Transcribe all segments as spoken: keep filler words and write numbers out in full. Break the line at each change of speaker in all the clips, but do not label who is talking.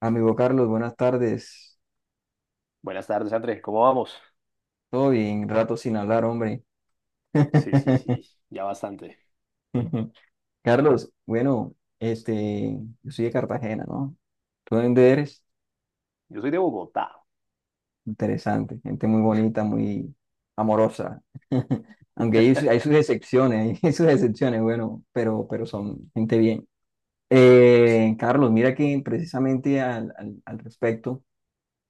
Amigo Carlos, buenas tardes.
Buenas tardes, André. ¿Cómo vamos?
Todo bien, rato sin hablar, hombre.
Sí, sí, sí, ya bastante.
Carlos, bueno, este, yo soy de Cartagena, ¿no? ¿Tú de dónde eres?
Yo soy de Bogotá.
Interesante, gente muy bonita, muy amorosa. Aunque hay, su- hay sus excepciones, hay sus excepciones, bueno, pero, pero son gente bien. Eh, Carlos, mira que precisamente al, al al respecto.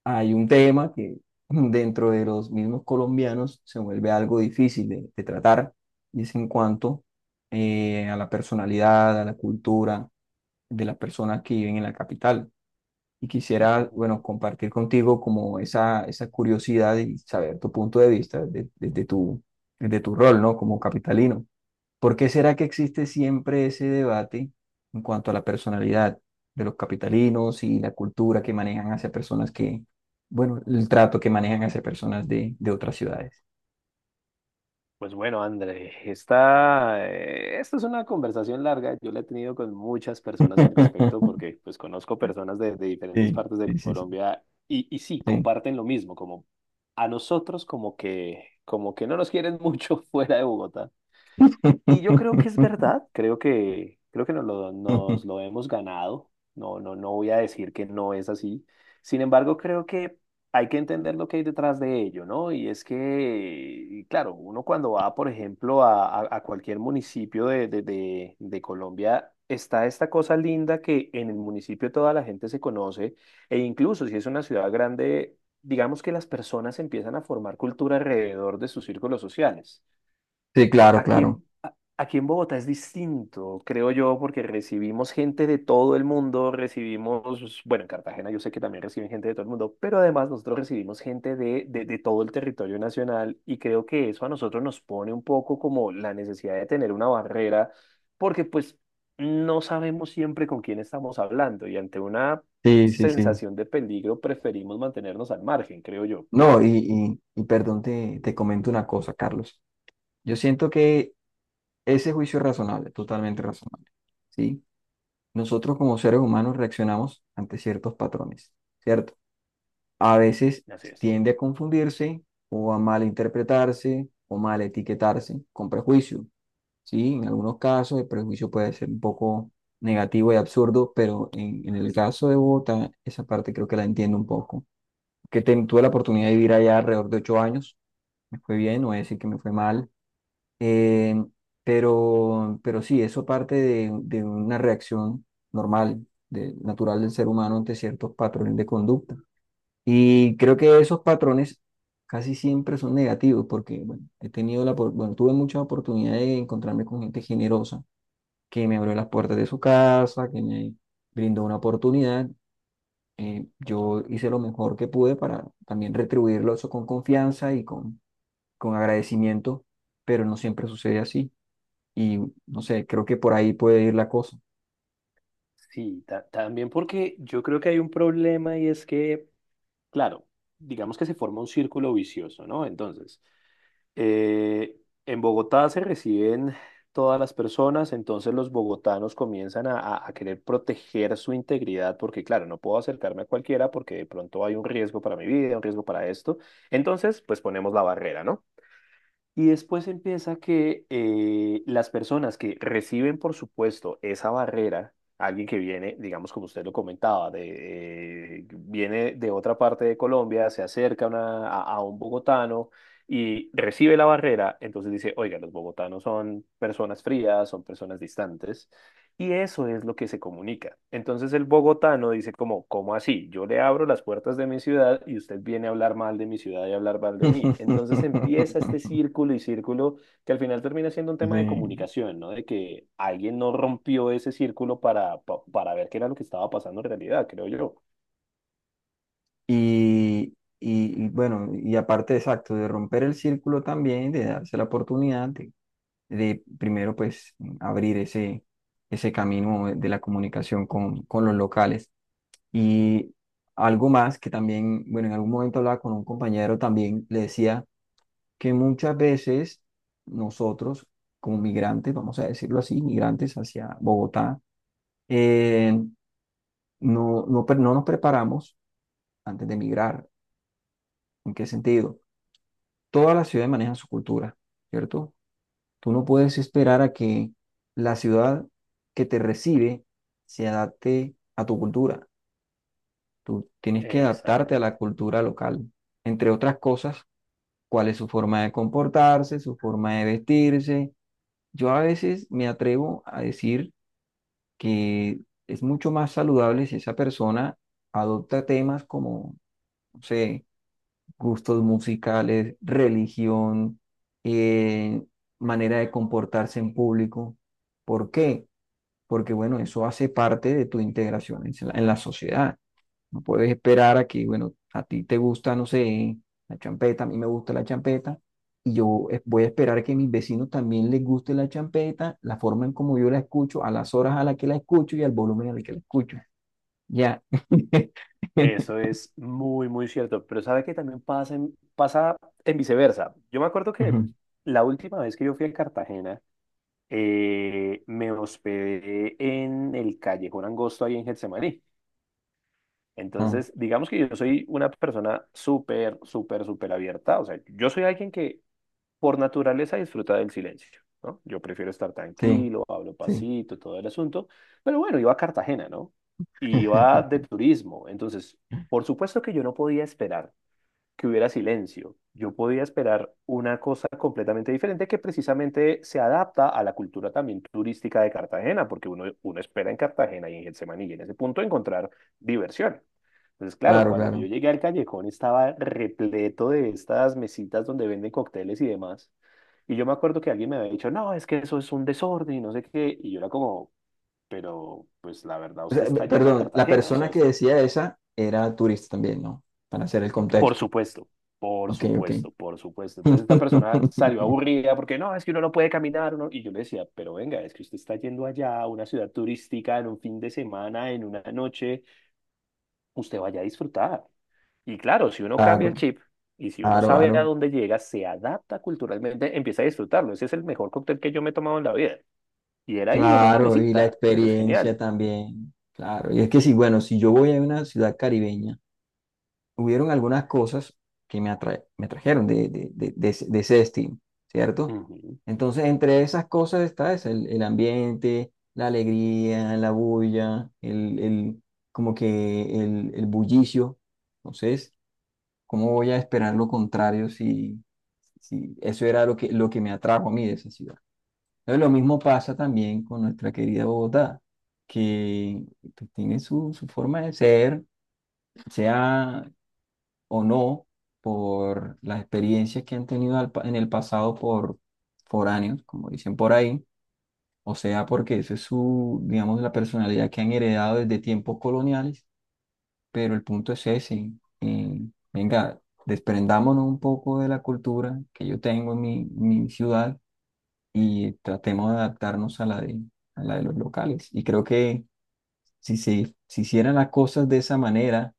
Hay un tema que dentro de los mismos colombianos se vuelve algo difícil de, de tratar, y es en cuanto eh, a la personalidad, a la cultura de las personas que viven en la capital. Y quisiera, bueno,
Ujú.
compartir contigo como esa, esa curiosidad y saber tu punto de vista de- desde tu, desde tu rol, ¿no? Como capitalino. ¿Por qué será que existe siempre ese debate en cuanto a la personalidad de los capitalinos y la cultura que manejan hacia personas que, bueno, el trato que manejan hacia personas de, de otras ciudades?
Pues bueno, André, esta, eh, esta es una conversación larga. Yo la he tenido con muchas personas al respecto porque pues conozco personas de, de diferentes
Sí,
partes de
sí, sí, sí.
Colombia y, y sí,
Sí.
comparten lo mismo, como a nosotros como que, como que no nos quieren mucho fuera de Bogotá. Y yo creo que es verdad, creo que, creo que nos lo, nos lo hemos ganado. No, no, no voy a decir que no es así. Sin embargo, creo que hay que entender lo que hay detrás de ello, ¿no? Y es que, y claro, uno cuando va, por ejemplo, a, a- a cualquier municipio de, de, de, de Colombia, está esta cosa linda que en el municipio toda la gente se conoce, e incluso si es una ciudad grande, digamos que las personas empiezan a formar cultura alrededor de sus círculos sociales.
Sí, claro,
Aquí
claro.
en, a- aquí en Bogotá es distinto, creo yo, porque recibimos gente de todo el mundo, recibimos, bueno, en Cartagena yo sé que también reciben gente de todo el mundo, pero además nosotros recibimos gente de, de, de todo el territorio nacional y creo que eso a nosotros nos pone un poco como la necesidad de tener una barrera, porque pues no sabemos siempre con quién estamos hablando y ante una
Sí, sí, sí.
sensación de peligro preferimos mantenernos al margen, creo yo.
No, y, y, y perdón, te, te comento una cosa, Carlos. Yo siento que ese juicio es razonable, totalmente razonable. ¿Sí? Nosotros como seres humanos reaccionamos ante ciertos patrones, ¿cierto? A veces
Así es.
tiende a confundirse o a malinterpretarse o mal etiquetarse con prejuicio, ¿sí? En algunos casos el prejuicio puede ser un poco negativo y absurdo, pero en, en el caso de Bogotá, esa parte creo que la entiendo un poco. Que ten- tuve la oportunidad de vivir allá alrededor de ocho años, me fue bien, no voy a decir que me fue mal, eh, pero, pero sí, eso parte de, de una reacción normal, de- natural del ser humano ante ciertos patrones de conducta. Y creo que esos patrones casi siempre son negativos porque, bueno, he tenido la, opor- bueno, tuve mucha oportunidad de encontrarme con gente generosa que me abrió las puertas de su casa, que me brindó una oportunidad. Eh, yo hice lo mejor que pude para también retribuirlo eso con confianza y con, con agradecimiento, pero no siempre sucede así. Y no sé, creo que por ahí puede ir la cosa.
Sí, ta- también porque yo creo que hay un problema y es que, claro, digamos que se forma un círculo vicioso, ¿no? Entonces, eh, en Bogotá se reciben todas las personas, entonces los bogotanos comienzan a, a- a querer proteger su integridad porque, claro, no puedo acercarme a cualquiera porque de pronto hay un riesgo para mi vida, un riesgo para esto. Entonces, pues ponemos la barrera, ¿no? Y después empieza que eh, las personas que reciben, por supuesto, esa barrera, alguien que viene, digamos, como usted lo comentaba, de, eh, viene de otra parte de Colombia, se acerca a una- a, a un bogotano y recibe la barrera, entonces dice, oiga, los bogotanos son personas frías, son personas distantes. Y eso es lo que se comunica. Entonces el bogotano dice como, ¿cómo así? Yo le abro las puertas de mi ciudad y usted viene a hablar mal de mi ciudad y a hablar mal de mí. Entonces empieza este círculo y círculo que al final termina siendo un tema de
Sí.
comunicación, ¿no? De que alguien no rompió ese círculo para, pa- para ver qué era lo que estaba pasando en realidad, creo yo.
Y, y, y bueno, y aparte, exacto, de romper el círculo también, de darse la oportunidad de, de primero, pues, abrir ese, ese camino de la comunicación con, con los locales. Y algo más que también, bueno, en algún momento hablaba con un compañero también, le decía que muchas veces nosotros, como migrantes, vamos a decirlo así, migrantes hacia Bogotá, eh, no, no, pre- no nos preparamos antes de migrar. ¿En qué sentido? Todas las ciudades manejan su cultura, ¿cierto? Tú no puedes esperar a que la ciudad que te recibe se adapte a tu cultura. Tú tienes que adaptarte a la
Exactamente.
cultura local, entre otras cosas, cuál es su forma de comportarse, su forma de vestirse. Yo a veces me atrevo a decir que es mucho más saludable si esa persona adopta temas como, no sé, gustos musicales, religión, eh, manera de comportarse en público. ¿Por qué? Porque, bueno, eso hace parte de tu integración en la, en la sociedad. No puedes esperar a que, bueno, a ti te gusta, no sé, la champeta, a mí me gusta la champeta, y yo es- voy a esperar que a mis vecinos también les guste la champeta, la forma en como yo la escucho, a las horas a las que la escucho y al volumen al que la escucho. Ya.
Eso es muy, muy cierto, pero sabe que también pasa en, pasa en viceversa. Yo me acuerdo que
Ujú.
la última vez que yo fui a Cartagena, eh, me hospedé en el Callejón Angosto ahí en Getsemaní.
Ah,
Entonces, digamos que yo soy una persona súper, súper, súper abierta. O sea, yo soy alguien que por naturaleza disfruta del silencio, ¿no? Yo prefiero estar
sí,
tranquilo, hablo
sí.
pasito, todo el asunto. Pero bueno, iba a Cartagena, ¿no? Y iba de turismo. Entonces, por supuesto que yo no podía esperar que hubiera silencio. Yo podía esperar una cosa completamente diferente que precisamente se adapta a la cultura también turística de Cartagena, porque uno, uno espera en Cartagena y en Getsemaní y en ese punto encontrar diversión. Entonces, claro,
Claro,
cuando yo
claro.
llegué al callejón estaba repleto de estas mesitas donde venden cócteles y demás. Y yo me acuerdo que alguien me había dicho, no, es que eso es un desorden y no sé qué. Y yo era como, pero pues la verdad
O
usted
sea, me-
está yendo a
perdón, la
Cartagena, o sea,
persona que
us-
decía esa era turista también, ¿no? Para hacer el
Por
contexto.
supuesto, por
Ok, ok.
supuesto, por supuesto. Entonces esta persona salió aburrida porque no, es que uno no puede caminar. uno-". Y yo le decía, pero venga, es que usted está yendo allá a una ciudad turística en un fin de semana, en una noche, usted vaya a disfrutar. Y claro, si uno cambia
Claro,
el chip y si uno
claro,
sabe a
claro.
dónde llega, se adapta culturalmente, empieza a disfrutarlo. Ese es el mejor cóctel que yo me he tomado en la vida. Y era ahí en una
Claro, y la
mesita, pero es
experiencia
genial.
también. Claro, y es que sí, bueno, si yo voy a una ciudad caribeña, hubieron algunas cosas que me, atra- me trajeron de, de- de- de ese de ese destino, ¿cierto?
Ujú.
Entonces, entre esas cosas está eso, el, el ambiente, la alegría, la bulla, el, el- como que el, el bullicio. Entonces, ¿cómo voy a esperar lo contrario si, si eso era lo que, lo que me atrajo a mí de esa ciudad? Entonces, lo mismo pasa también con nuestra querida Bogotá, que pues, tiene su, su forma de ser, sea o no por las experiencias que han tenido al pa- en el pasado por foráneos, como dicen por ahí, o sea, porque eso es su, digamos, la personalidad que han heredado desde tiempos coloniales, pero el punto es ese, eh, venga, desprendámonos un poco de la cultura que yo tengo en mi, mi ciudad y tratemos de adaptarnos a la de, a la de los locales. Y creo que si se, si hicieran las cosas de esa manera,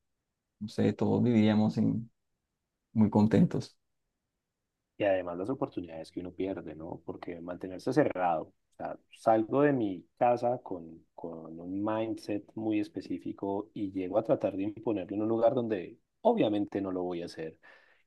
no sé, todos viviríamos en- muy contentos.
Y además las oportunidades que uno pierde, ¿no? Porque mantenerse cerrado, o sea, salgo de mi casa con, con un mindset muy específico y llego a tratar de imponerlo en un lugar donde obviamente no lo voy a hacer.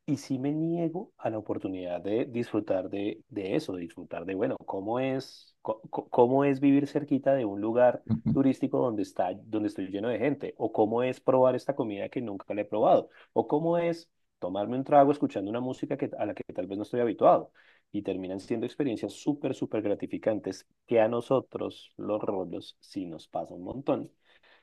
Y sí me niego a la oportunidad de disfrutar de, de eso, de disfrutar de, bueno, cómo es, co- co- cómo es vivir cerquita de un lugar turístico donde está, donde estoy lleno de gente, o cómo es probar esta comida que nunca la he probado, o cómo es tomarme un trago escuchando una música que, a la que tal vez no estoy habituado. Y terminan siendo experiencias súper, súper gratificantes que a nosotros, los rolos, sí nos pasa un montón.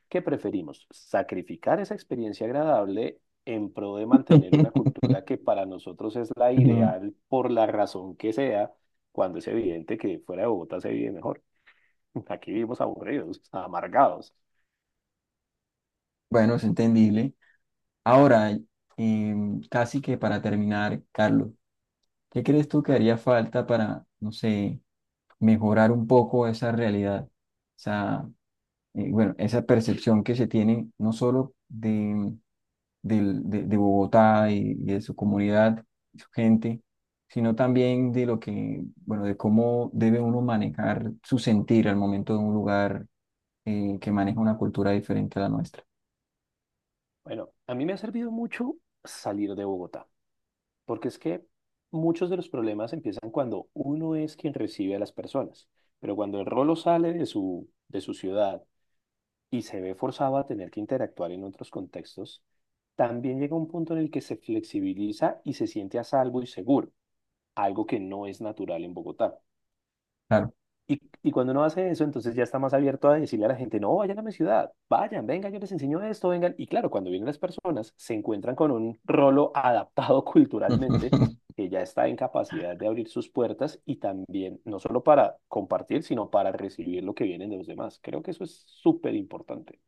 ¿Qué preferimos? ¿Sacrificar esa experiencia agradable en pro de mantener una
Ujú.
cultura que para nosotros es la ideal por la razón que sea, cuando es evidente que fuera de Bogotá se vive mejor? Aquí vivimos aburridos, amargados.
Bueno, es entendible. Ahora, em, casi que para terminar, Carlos, ¿qué crees tú que haría falta para, no sé, mejorar un poco esa realidad? O sea, eh, bueno, esa percepción que se tiene no solo de, del- de, de Bogotá y, y de su comunidad, su gente, sino también de lo que, bueno, de cómo debe uno manejar su sentir al momento de un lugar eh, que maneja una cultura diferente a la nuestra.
Bueno, a mí me ha servido mucho salir de Bogotá, porque es que muchos de los problemas empiezan cuando uno es quien recibe a las personas, pero cuando el rolo sale de su, de su ciudad y se ve forzado a tener que interactuar en otros contextos, también llega un punto en el que se flexibiliza y se siente a salvo y seguro, algo que no es natural en Bogotá.
Claro.
Y, y cuando uno hace eso, entonces ya está más abierto a decirle a la gente, no, vayan a mi ciudad, vayan, vengan, yo les enseño esto, vengan. Y claro, cuando vienen las personas, se encuentran con un rolo adaptado culturalmente que ya está en capacidad de abrir sus puertas y también, no solo para compartir, sino para recibir lo que vienen de los demás. Creo que eso es súper importante.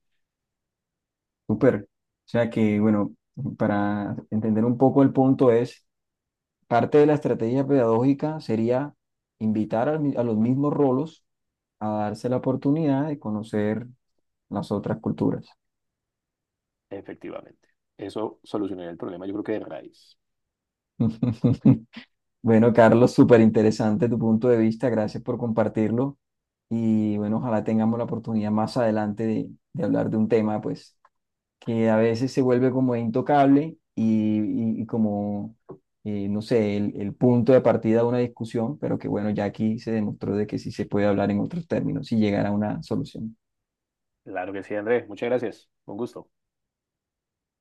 Súper. O sea que, bueno, para entender un poco el punto es, parte de la estrategia pedagógica sería invitar al mi- a los mismos rolos a darse la oportunidad de conocer las otras culturas.
Efectivamente. Eso solucionaría el problema, yo creo que de raíz.
Bueno, Carlos, súper interesante tu punto de vista. Gracias por compartirlo. Y bueno, ojalá tengamos la oportunidad más adelante de, de hablar de un tema, pues, que a veces se vuelve como intocable y, y- y como, eh, no sé, el, el punto de partida de una discusión, pero que bueno, ya aquí se demostró de que sí se puede hablar en otros términos y llegar a una solución.
Claro que sí, Andrés. Muchas gracias. Un gusto.